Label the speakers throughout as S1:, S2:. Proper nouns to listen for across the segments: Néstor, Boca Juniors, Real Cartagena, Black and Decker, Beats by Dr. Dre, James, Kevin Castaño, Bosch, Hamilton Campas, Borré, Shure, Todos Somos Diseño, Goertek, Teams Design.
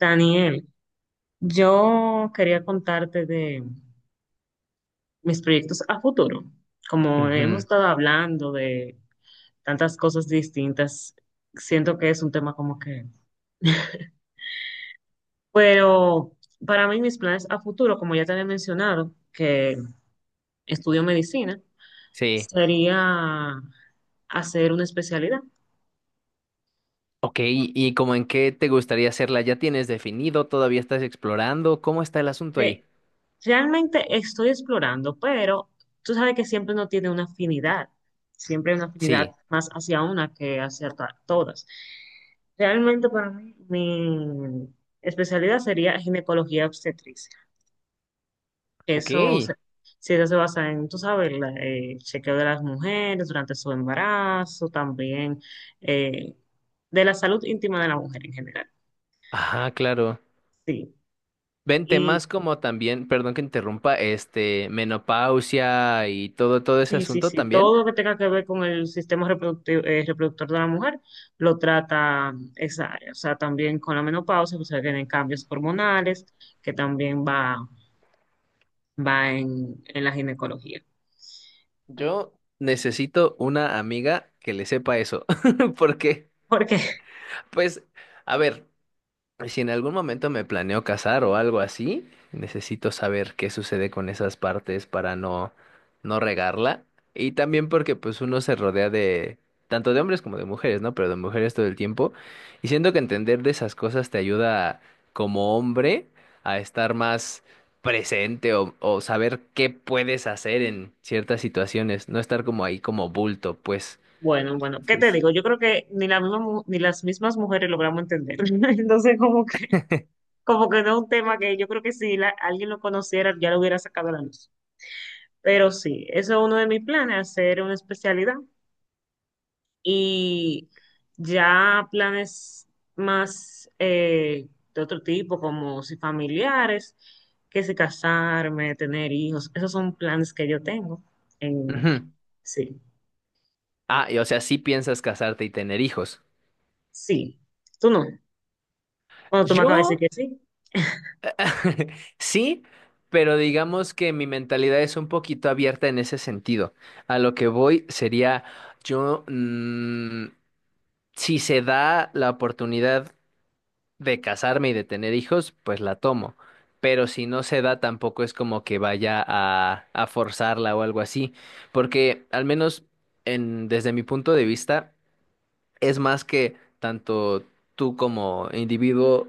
S1: Daniel, yo quería contarte de mis proyectos a futuro. Como hemos
S2: Ujú,
S1: estado hablando de tantas cosas distintas, siento que es un tema como Pero para mí mis planes a futuro, como ya te había mencionado, que estudio medicina,
S2: Sí.
S1: sería hacer una especialidad.
S2: Ok, ¿y como en qué te gustaría hacerla? ¿Ya tienes definido? ¿Todavía estás explorando? ¿Cómo está el asunto ahí?
S1: Sí. Realmente estoy explorando, pero tú sabes que siempre uno tiene una afinidad, siempre hay una afinidad
S2: Sí.
S1: más hacia una que hacia todas. Realmente para mí mi especialidad sería ginecología obstetricia. Eso
S2: Ok.
S1: se, sí, eso se basa en, tú sabes, el chequeo de las mujeres durante su embarazo, también eh, de la salud íntima de la mujer en general.
S2: Ajá, claro.
S1: Sí.
S2: Ven temas como también, perdón que interrumpa, menopausia y todo ese
S1: Sí, sí,
S2: asunto
S1: sí. Todo
S2: también.
S1: lo que tenga que ver con el sistema reproductivo, reproductor de la mujer lo trata esa área. O sea, también con la menopausia, pues vienen cambios hormonales, que también va, en la ginecología.
S2: Yo necesito una amiga que le sepa eso, porque,
S1: Porque,
S2: pues, a ver. Si en algún momento me planeo casar o algo así, necesito saber qué sucede con esas partes para no regarla. Y también porque pues uno se rodea de tanto de hombres como de mujeres, ¿no? Pero de mujeres todo el tiempo. Y siento que entender de esas cosas te ayuda como hombre a estar más presente o saber qué puedes hacer en ciertas situaciones, no estar como ahí como bulto, pues.
S1: bueno, bueno, ¿qué te
S2: Entonces,
S1: digo? Yo creo que ni la misma ni las mismas mujeres logramos entender. Entonces, como que no es un tema que yo creo que si alguien lo conociera, ya lo hubiera sacado a la luz. Pero sí, eso es uno de mis planes, hacer una especialidad y ya planes más de otro tipo, como si familiares, que si casarme, tener hijos, esos son planes que yo tengo. en-
S2: ujú.
S1: sí,
S2: Ah, y o sea, sí piensas casarte y tener hijos.
S1: sí, tú no. Cuando tú me acabas de
S2: Yo
S1: decir que sí,
S2: Sí, pero digamos que mi mentalidad es un poquito abierta en ese sentido. A lo que voy sería, yo, si se da la oportunidad de casarme y de tener hijos, pues la tomo. Pero si no se da, tampoco es como que vaya a forzarla o algo así. Porque al menos desde mi punto de vista, es más que tanto tú como individuo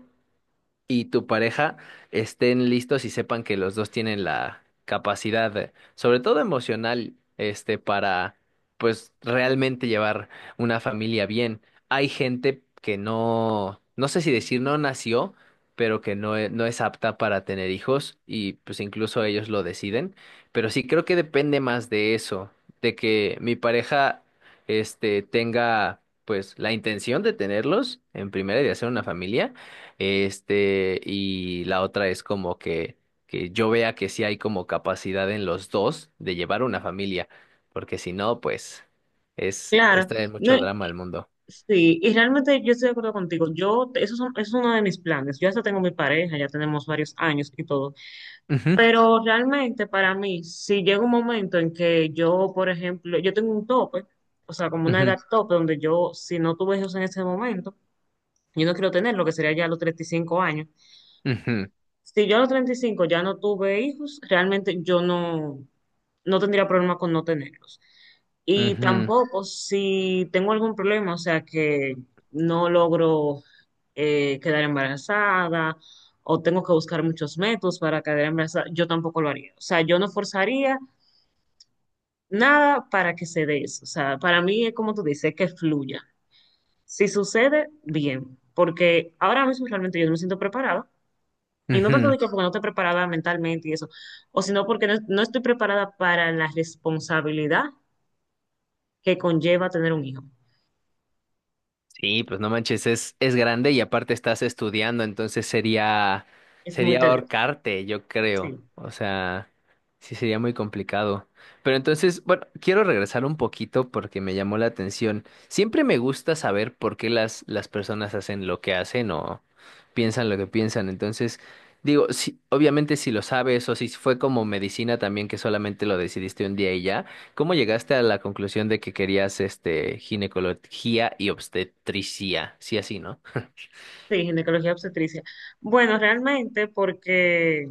S2: y tu pareja estén listos y sepan que los dos tienen la capacidad, sobre todo emocional, para pues realmente llevar una familia bien. Hay gente que no, no sé si decir no nació, pero que no es apta para tener hijos y pues incluso ellos lo deciden. Pero sí creo que depende más de eso, de que mi pareja, tenga pues la intención de tenerlos en primera y de hacer una familia y la otra es como que, yo vea que sí hay como capacidad en los dos de llevar una familia, porque si no, pues es
S1: claro.
S2: traer
S1: No,
S2: mucho drama al mundo.
S1: sí, y realmente yo estoy de acuerdo contigo. Yo, eso, es uno de mis planes. Yo hasta tengo mi pareja, ya tenemos varios años y todo.
S2: Ujú,
S1: Pero realmente para mí, si llega un momento en que yo, por ejemplo, yo tengo un tope, o sea, como una edad
S2: ujú,
S1: tope, donde yo, si no tuve hijos en ese momento, yo no quiero tener lo que sería ya a los 35 años,
S2: ujú,
S1: si yo a los 35 ya no tuve hijos, realmente yo no, no tendría problema con no tenerlos. Y tampoco si tengo algún problema, o sea, que no logro quedar embarazada o tengo que buscar muchos métodos para quedar embarazada, yo tampoco lo haría. O sea, yo no forzaría nada para que se dé eso. O sea, para mí es como tú dices, que fluya. Si sucede, bien, porque ahora mismo realmente yo no me siento preparada y no
S2: ujú,
S1: tanto
S2: ujú.
S1: de que porque no estoy preparada mentalmente y eso, o sino porque no, no estoy preparada para la responsabilidad que conlleva tener un hijo.
S2: Sí, pues no manches, es grande y aparte estás estudiando, entonces sería,
S1: Es muy
S2: sería
S1: tedioso.
S2: ahorcarte, yo creo.
S1: Sí,
S2: O sea, sí sería muy complicado. Pero entonces, bueno, quiero regresar un poquito porque me llamó la atención. Siempre me gusta saber por qué las personas hacen lo que hacen o piensan lo que piensan. Entonces, digo, sí, obviamente si lo sabes o si fue como medicina también que solamente lo decidiste un día y ya. ¿Cómo llegaste a la conclusión de que querías ginecología y obstetricia? Sí, así, ¿no?
S1: sí, ginecología obstetricia. Bueno, realmente porque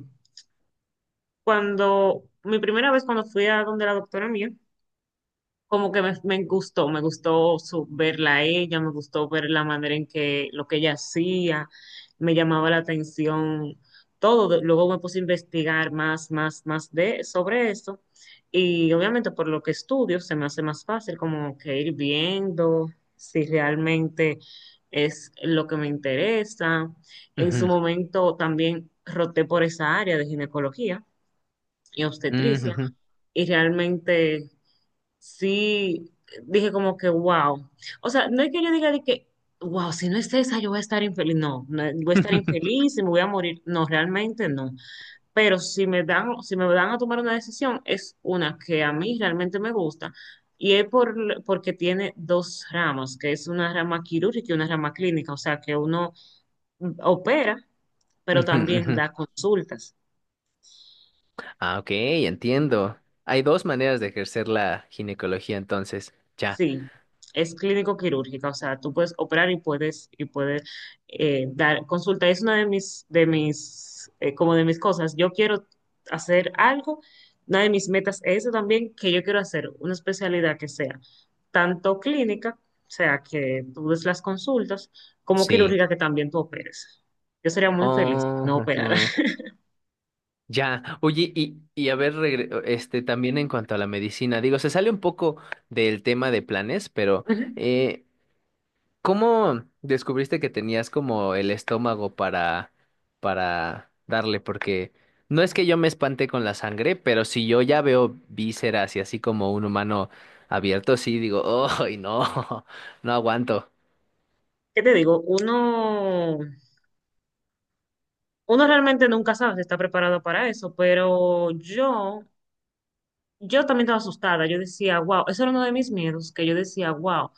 S1: cuando, mi primera vez cuando fui a donde la doctora mía, como que me gustó, verla a ella, me gustó ver la manera en que lo que ella hacía, me llamaba la atención todo. Luego me puse a investigar más, más, más de, sobre eso. Y obviamente por lo que estudio se me hace más fácil como que ir viendo si realmente es lo que me interesa. En su
S2: Ujú,
S1: momento también roté por esa área de ginecología y obstetricia
S2: ujú,
S1: y realmente sí, dije como que wow. O sea, no es que yo diga de que, wow, si no es esa, yo voy a estar infeliz. No, no, voy a
S2: ujú,
S1: estar infeliz y me voy a morir. No, realmente no. Pero si me dan a tomar una decisión, es una que a mí realmente me gusta. Y es por, Porque tiene dos ramas, que es una rama quirúrgica y una rama clínica. O sea, que uno opera, pero
S2: ujú,
S1: también
S2: ujú.
S1: da consultas.
S2: Ah, ok, entiendo. Hay dos maneras de ejercer la ginecología, entonces. Ya,
S1: Sí, es clínico quirúrgica, o sea, tú puedes operar y puedes dar consulta. Es una de mis como de mis cosas. Yo quiero hacer algo. Una de mis metas es eso también, que yo quiero hacer una especialidad que sea tanto clínica, o sea, que tú des las consultas, como
S2: sí.
S1: quirúrgica que también tú operes. Yo sería muy feliz si
S2: Oh,
S1: no operara.
S2: ujú. Ya. Oye, y a ver, también en cuanto a la medicina, digo, se sale un poco del tema de planes, pero
S1: Ujú.
S2: eh, ¿Cómo descubriste que tenías como el estómago para darle? Porque no es que yo me espante con la sangre, pero si yo ya veo vísceras y así como un humano abierto, sí digo, ¡ay, no! No aguanto.
S1: ¿Qué te digo? Uno realmente nunca sabe si está preparado para eso, pero yo también estaba asustada. Yo decía, wow, eso era uno de mis miedos, que yo decía, wow,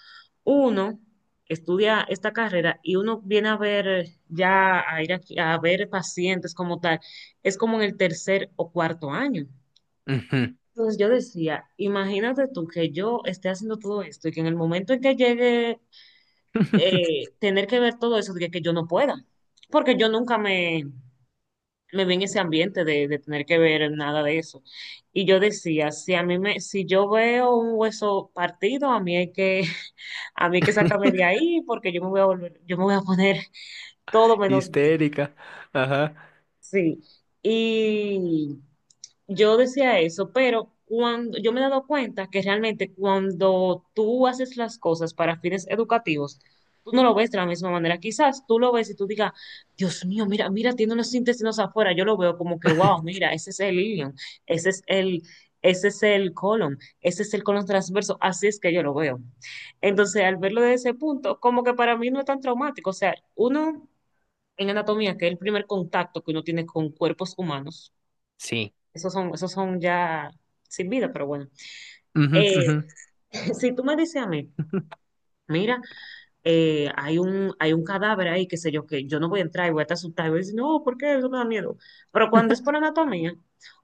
S1: uno estudia esta carrera y uno viene a ver ya, a ir aquí, a ver pacientes como tal, es como en el tercer o cuarto año.
S2: Ujú.
S1: Entonces yo decía, imagínate tú que yo esté haciendo todo esto y que en el momento en que llegue tener que ver todo eso, diga que yo no pueda, porque yo nunca me vi en ese ambiente de tener que ver nada de eso. Y yo decía, si yo veo un hueso partido, a mí hay que, a mí hay que sacarme de ahí porque yo me voy a volver, yo me voy a poner todo menos bien.
S2: Histérica. Ajá.
S1: Sí. Y yo decía eso, pero cuando yo me he dado cuenta que realmente cuando tú haces las cosas para fines educativos, tú no lo ves de la misma manera. Quizás tú lo ves y tú digas, Dios mío, mira, mira, tiene unos intestinos afuera. Yo lo veo como que, wow, mira, ese es el ilion, ese es el, ese es el colon, ese es el colon transverso. Así es que yo lo veo. Entonces, al verlo desde ese punto, como que para mí no es tan traumático. O sea, uno en anatomía, que es el primer contacto que uno tiene con cuerpos humanos
S2: Sí.
S1: esos son ya sin vida, pero bueno.
S2: Ujú, ujú.
S1: Eh, si tú me dices a mí, mira, hay un cadáver ahí, qué sé yo, que yo no voy a entrar y voy a estar asustada, y voy a decir, no, ¿por qué? Eso me da miedo. Pero cuando es por anatomía,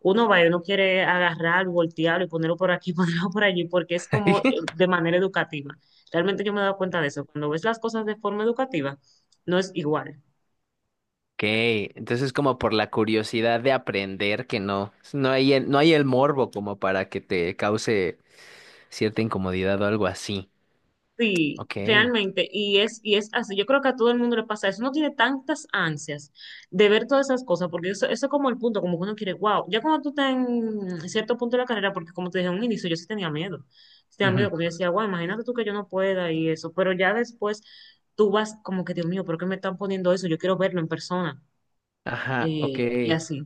S1: uno va y uno quiere agarrar, voltearlo y ponerlo por aquí, ponerlo por allí, porque es como de manera educativa. Realmente yo me he dado cuenta de eso. Cuando ves las cosas de forma educativa, no es igual.
S2: Ok, entonces como por la curiosidad de aprender que no no hay el morbo como para que te cause cierta incomodidad o algo así.
S1: Sí,
S2: Ok.
S1: realmente, y y es así. Yo creo que a todo el mundo le pasa eso. Uno tiene tantas ansias de ver todas esas cosas, porque eso es como el punto, como que uno quiere, wow, ya cuando tú estás en cierto punto de la carrera, porque como te dije en un inicio, yo sí tenía miedo. Sí tenía
S2: Ujú,
S1: miedo, porque yo decía, wow, imagínate tú que yo no pueda y eso, pero ya después tú vas como que, Dios mío, ¿por qué me están poniendo eso? Yo quiero verlo en persona,
S2: Ajá, ok.
S1: y así.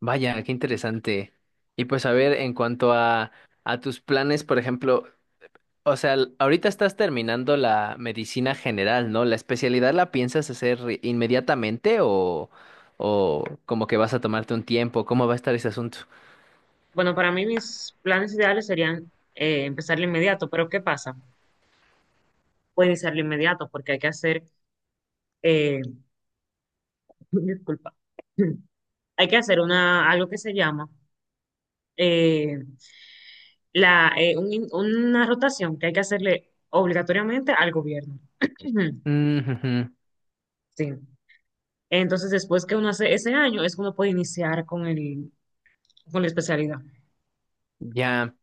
S2: Vaya, qué interesante. Y pues a ver, en cuanto a tus planes, por ejemplo, o sea, ahorita estás terminando la medicina general, ¿no? ¿La especialidad la piensas hacer inmediatamente o como que vas a tomarte un tiempo? ¿Cómo va a estar ese asunto?
S1: Bueno, para mí mis planes ideales serían empezar de inmediato, pero ¿qué pasa? Puede iniciar de inmediato, porque hay que hacer. eh, Disculpa. Hay que hacer una, algo que se llama eh, una rotación que hay que hacerle obligatoriamente al gobierno.
S2: Ujú,
S1: Sí. Entonces, después que uno hace ese año, es que uno puede iniciar con la especialidad.
S2: Ya,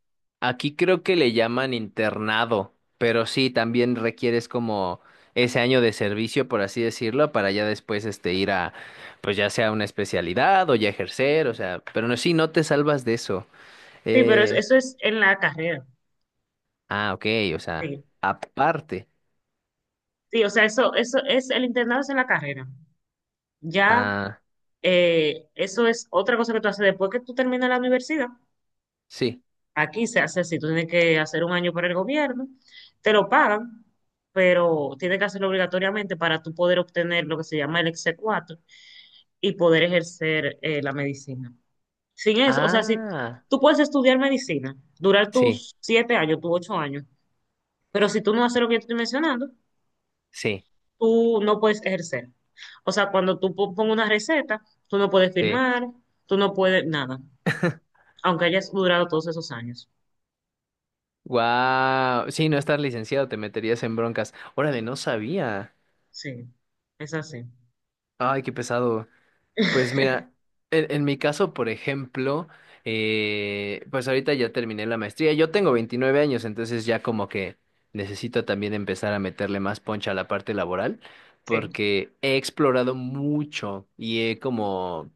S2: aquí creo que le llaman internado, pero sí, también requieres como ese año de servicio, por así decirlo, para ya después ir a, pues ya sea una especialidad o ya ejercer, o sea, pero no, sí, no te salvas de eso.
S1: Sí, pero
S2: Eh,
S1: eso es en la carrera.
S2: ah, ok, o sea,
S1: Sí.
S2: aparte,
S1: Sí, o sea, eso es, el internado es en la carrera. Ya,
S2: ah,
S1: eso es otra cosa que tú haces después que tú terminas la universidad.
S2: sí,
S1: Aquí se hace así, tú tienes que hacer un año para el gobierno, te lo pagan, pero tienes que hacerlo obligatoriamente para tú poder obtener lo que se llama el exe 4 y poder ejercer la medicina. Sin eso, o sea, si
S2: ah,
S1: tú puedes estudiar medicina, durar
S2: sí,
S1: tus 7 años, tus 8 años, pero si tú no haces lo que yo te estoy mencionando,
S2: sí,
S1: tú no puedes ejercer. O sea, cuando tú pongas una receta, tú no puedes
S2: sí.
S1: firmar, tú no puedes nada, aunque hayas durado todos esos años.
S2: Wow, sí, no estar licenciado, te meterías en broncas. Órale, no sabía.
S1: Sí, es así.
S2: Ay, qué pesado. Pues mira, en mi caso, por ejemplo, pues ahorita ya terminé la maestría. Yo tengo 29 años, entonces ya como que necesito también empezar a meterle más poncha a la parte laboral,
S1: Sí.
S2: porque he explorado mucho y he como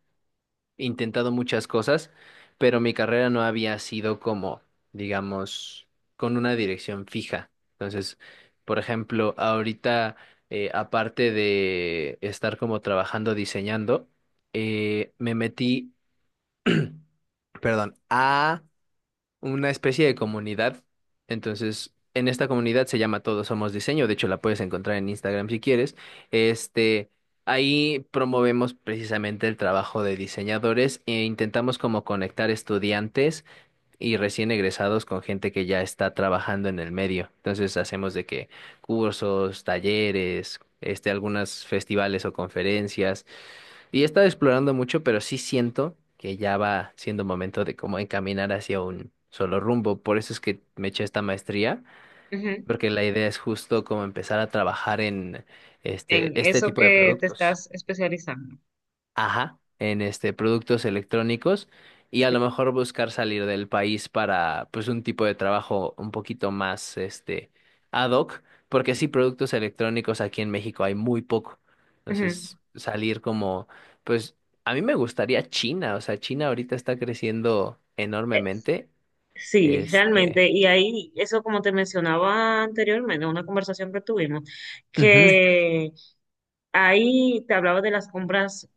S2: intentado muchas cosas, pero mi carrera no había sido como, digamos, con una dirección fija. Entonces, por ejemplo, ahorita, aparte de estar como trabajando diseñando, me metí, perdón, a una especie de comunidad. Entonces, en esta comunidad se llama Todos Somos Diseño. De hecho, la puedes encontrar en Instagram si quieres. Este, ahí promovemos precisamente el trabajo de diseñadores e intentamos como conectar estudiantes y recién egresados con gente que ya está trabajando en el medio. Entonces, hacemos de que cursos, talleres, algunos festivales o conferencias. Y he estado explorando mucho, pero sí siento que ya va siendo momento de cómo encaminar hacia un solo rumbo. Por eso es que me eché esta maestría,
S1: Ujú.
S2: porque la idea es justo como empezar a trabajar en
S1: En
S2: este
S1: eso
S2: tipo de
S1: que te
S2: productos.
S1: estás especializando.
S2: Ajá, en productos electrónicos y a lo mejor buscar salir del país para pues un tipo de trabajo un poquito más ad hoc, porque sí productos electrónicos aquí en México hay muy poco.
S1: Ujú.
S2: Entonces, salir como pues a mí me gustaría China, o sea, China ahorita está creciendo
S1: Eh,
S2: enormemente,
S1: Sí,
S2: este,
S1: realmente, y ahí, eso como te mencionaba anteriormente, en una conversación que tuvimos,
S2: ujú,
S1: que ahí te hablaba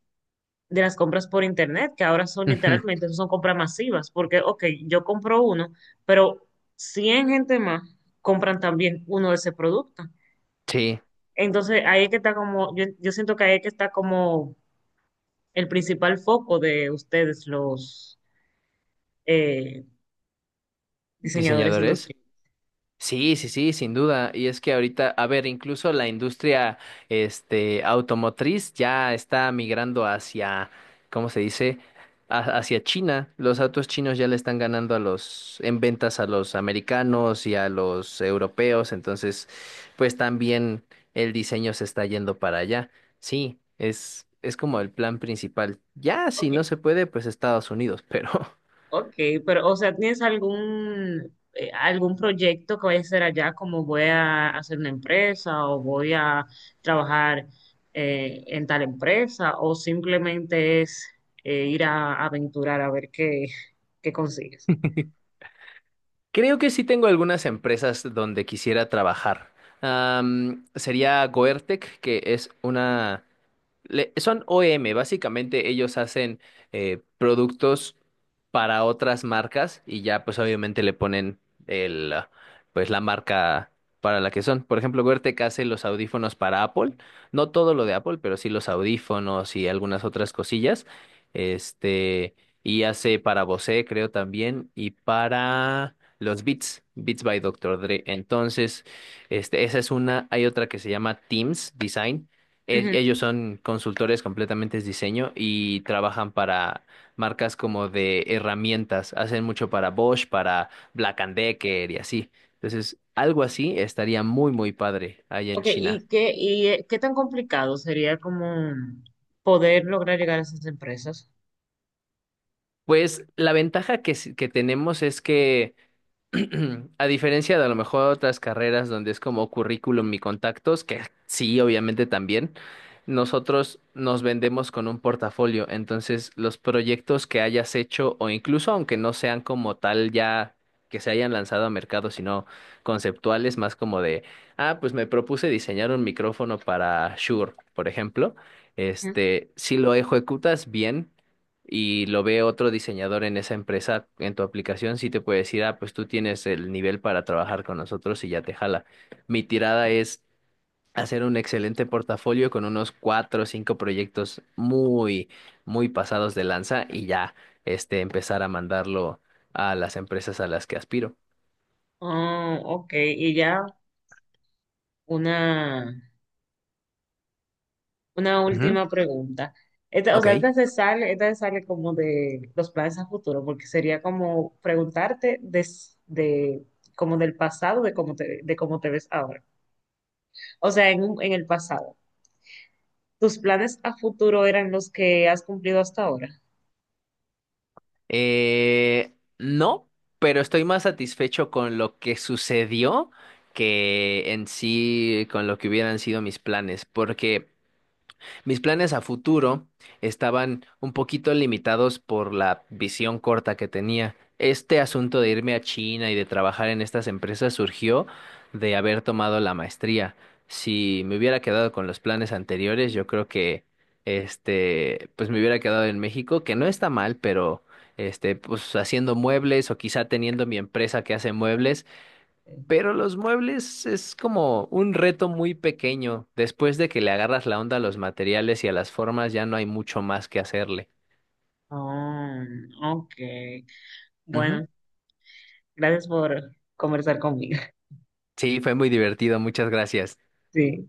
S1: de las compras por internet, que ahora son
S2: ujú,
S1: literalmente, son compras masivas, porque, ok, yo compro uno, pero 100 gente más compran también uno de ese producto.
S2: sí,
S1: Entonces, ahí es que está como, yo siento que ahí es que está como el principal foco de ustedes, los, eh, diseñadores
S2: diseñadores.
S1: industriales.
S2: Sí, sí, sí, sin duda. Y es que ahorita, a ver, incluso la industria, automotriz ya está migrando hacia, ¿cómo se dice? Hacia China. Los autos chinos ya le están ganando en ventas a los americanos y a los europeos. Entonces, pues también el diseño se está yendo para allá. Sí, es como el plan principal. Ya, si
S1: Ok,
S2: no se puede, pues Estados Unidos, pero
S1: ok, pero o sea, ¿tienes algún proyecto que vayas a hacer allá como voy a hacer una empresa o voy a trabajar en tal empresa o simplemente es ir a aventurar a ver qué, qué consigues?
S2: creo que sí tengo algunas empresas donde quisiera trabajar. Sería Goertec, que es una, son OEM, básicamente ellos hacen productos para otras marcas y ya pues obviamente le ponen el ah, pues la marca para la que son. Por ejemplo, Goertek hace los audífonos para Apple, no todo lo de Apple, pero sí los audífonos y algunas otras cosillas. Este, y hace para Bose, creo también, y para los Beats by Dr. Dre. Entonces, esa es una, hay otra que se llama Teams Design
S1: Ujú.
S2: ellos son consultores completamente de diseño y trabajan para marcas como de herramientas. Hacen mucho para Bosch, para Black and Decker y así. Entonces, algo así estaría muy, muy padre allá en
S1: Ok,
S2: China.
S1: ¿y qué, qué tan complicado sería como poder lograr llegar a esas empresas?
S2: Pues la ventaja que tenemos es que a diferencia de a lo mejor otras carreras donde es como currículum y contactos, que sí, obviamente también, nosotros nos vendemos con un portafolio. Entonces, los proyectos que hayas hecho, o incluso aunque no sean como tal ya que se hayan lanzado a mercado, sino conceptuales, más como de, ah, pues me propuse diseñar un micrófono para Shure, por ejemplo.
S1: Ujú.
S2: Si lo ejecutas bien y lo ve otro diseñador en esa empresa, en tu aplicación, sí te puede decir, ah, pues tú tienes el nivel para trabajar con nosotros y ya te jala. Mi tirada es hacer un excelente portafolio con unos cuatro o cinco proyectos muy, muy pasados de lanza y ya, empezar a mandarlo a las empresas a las que aspiro.
S1: Oh, ok, y ya una... Una
S2: Ujú.
S1: última pregunta. Esta, o
S2: Ok.
S1: sea, esta se sale como de los planes a futuro, porque sería como preguntarte de, como del pasado, de cómo te ves ahora. O sea, en, en el pasado. ¿Tus planes a futuro eran los que has cumplido hasta ahora?
S2: No, pero estoy más satisfecho con lo que sucedió que en sí con lo que hubieran sido mis planes, porque mis planes a futuro estaban un poquito limitados por la visión corta que tenía. Este asunto de irme a China y de trabajar en estas empresas surgió de haber tomado la maestría. Si me hubiera quedado con los planes anteriores, yo creo que pues me hubiera quedado en México, que no está mal, pero pues haciendo muebles o quizá teniendo mi empresa que hace muebles
S1: Sí.
S2: pero los muebles es como un reto muy pequeño. Después de que le agarras la onda a los materiales y a las formas, ya no hay mucho más que hacerle.
S1: Ah, ok.
S2: Ujú.
S1: Bueno, gracias por conversar conmigo.
S2: Sí, fue muy divertido. Muchas gracias.
S1: Sí.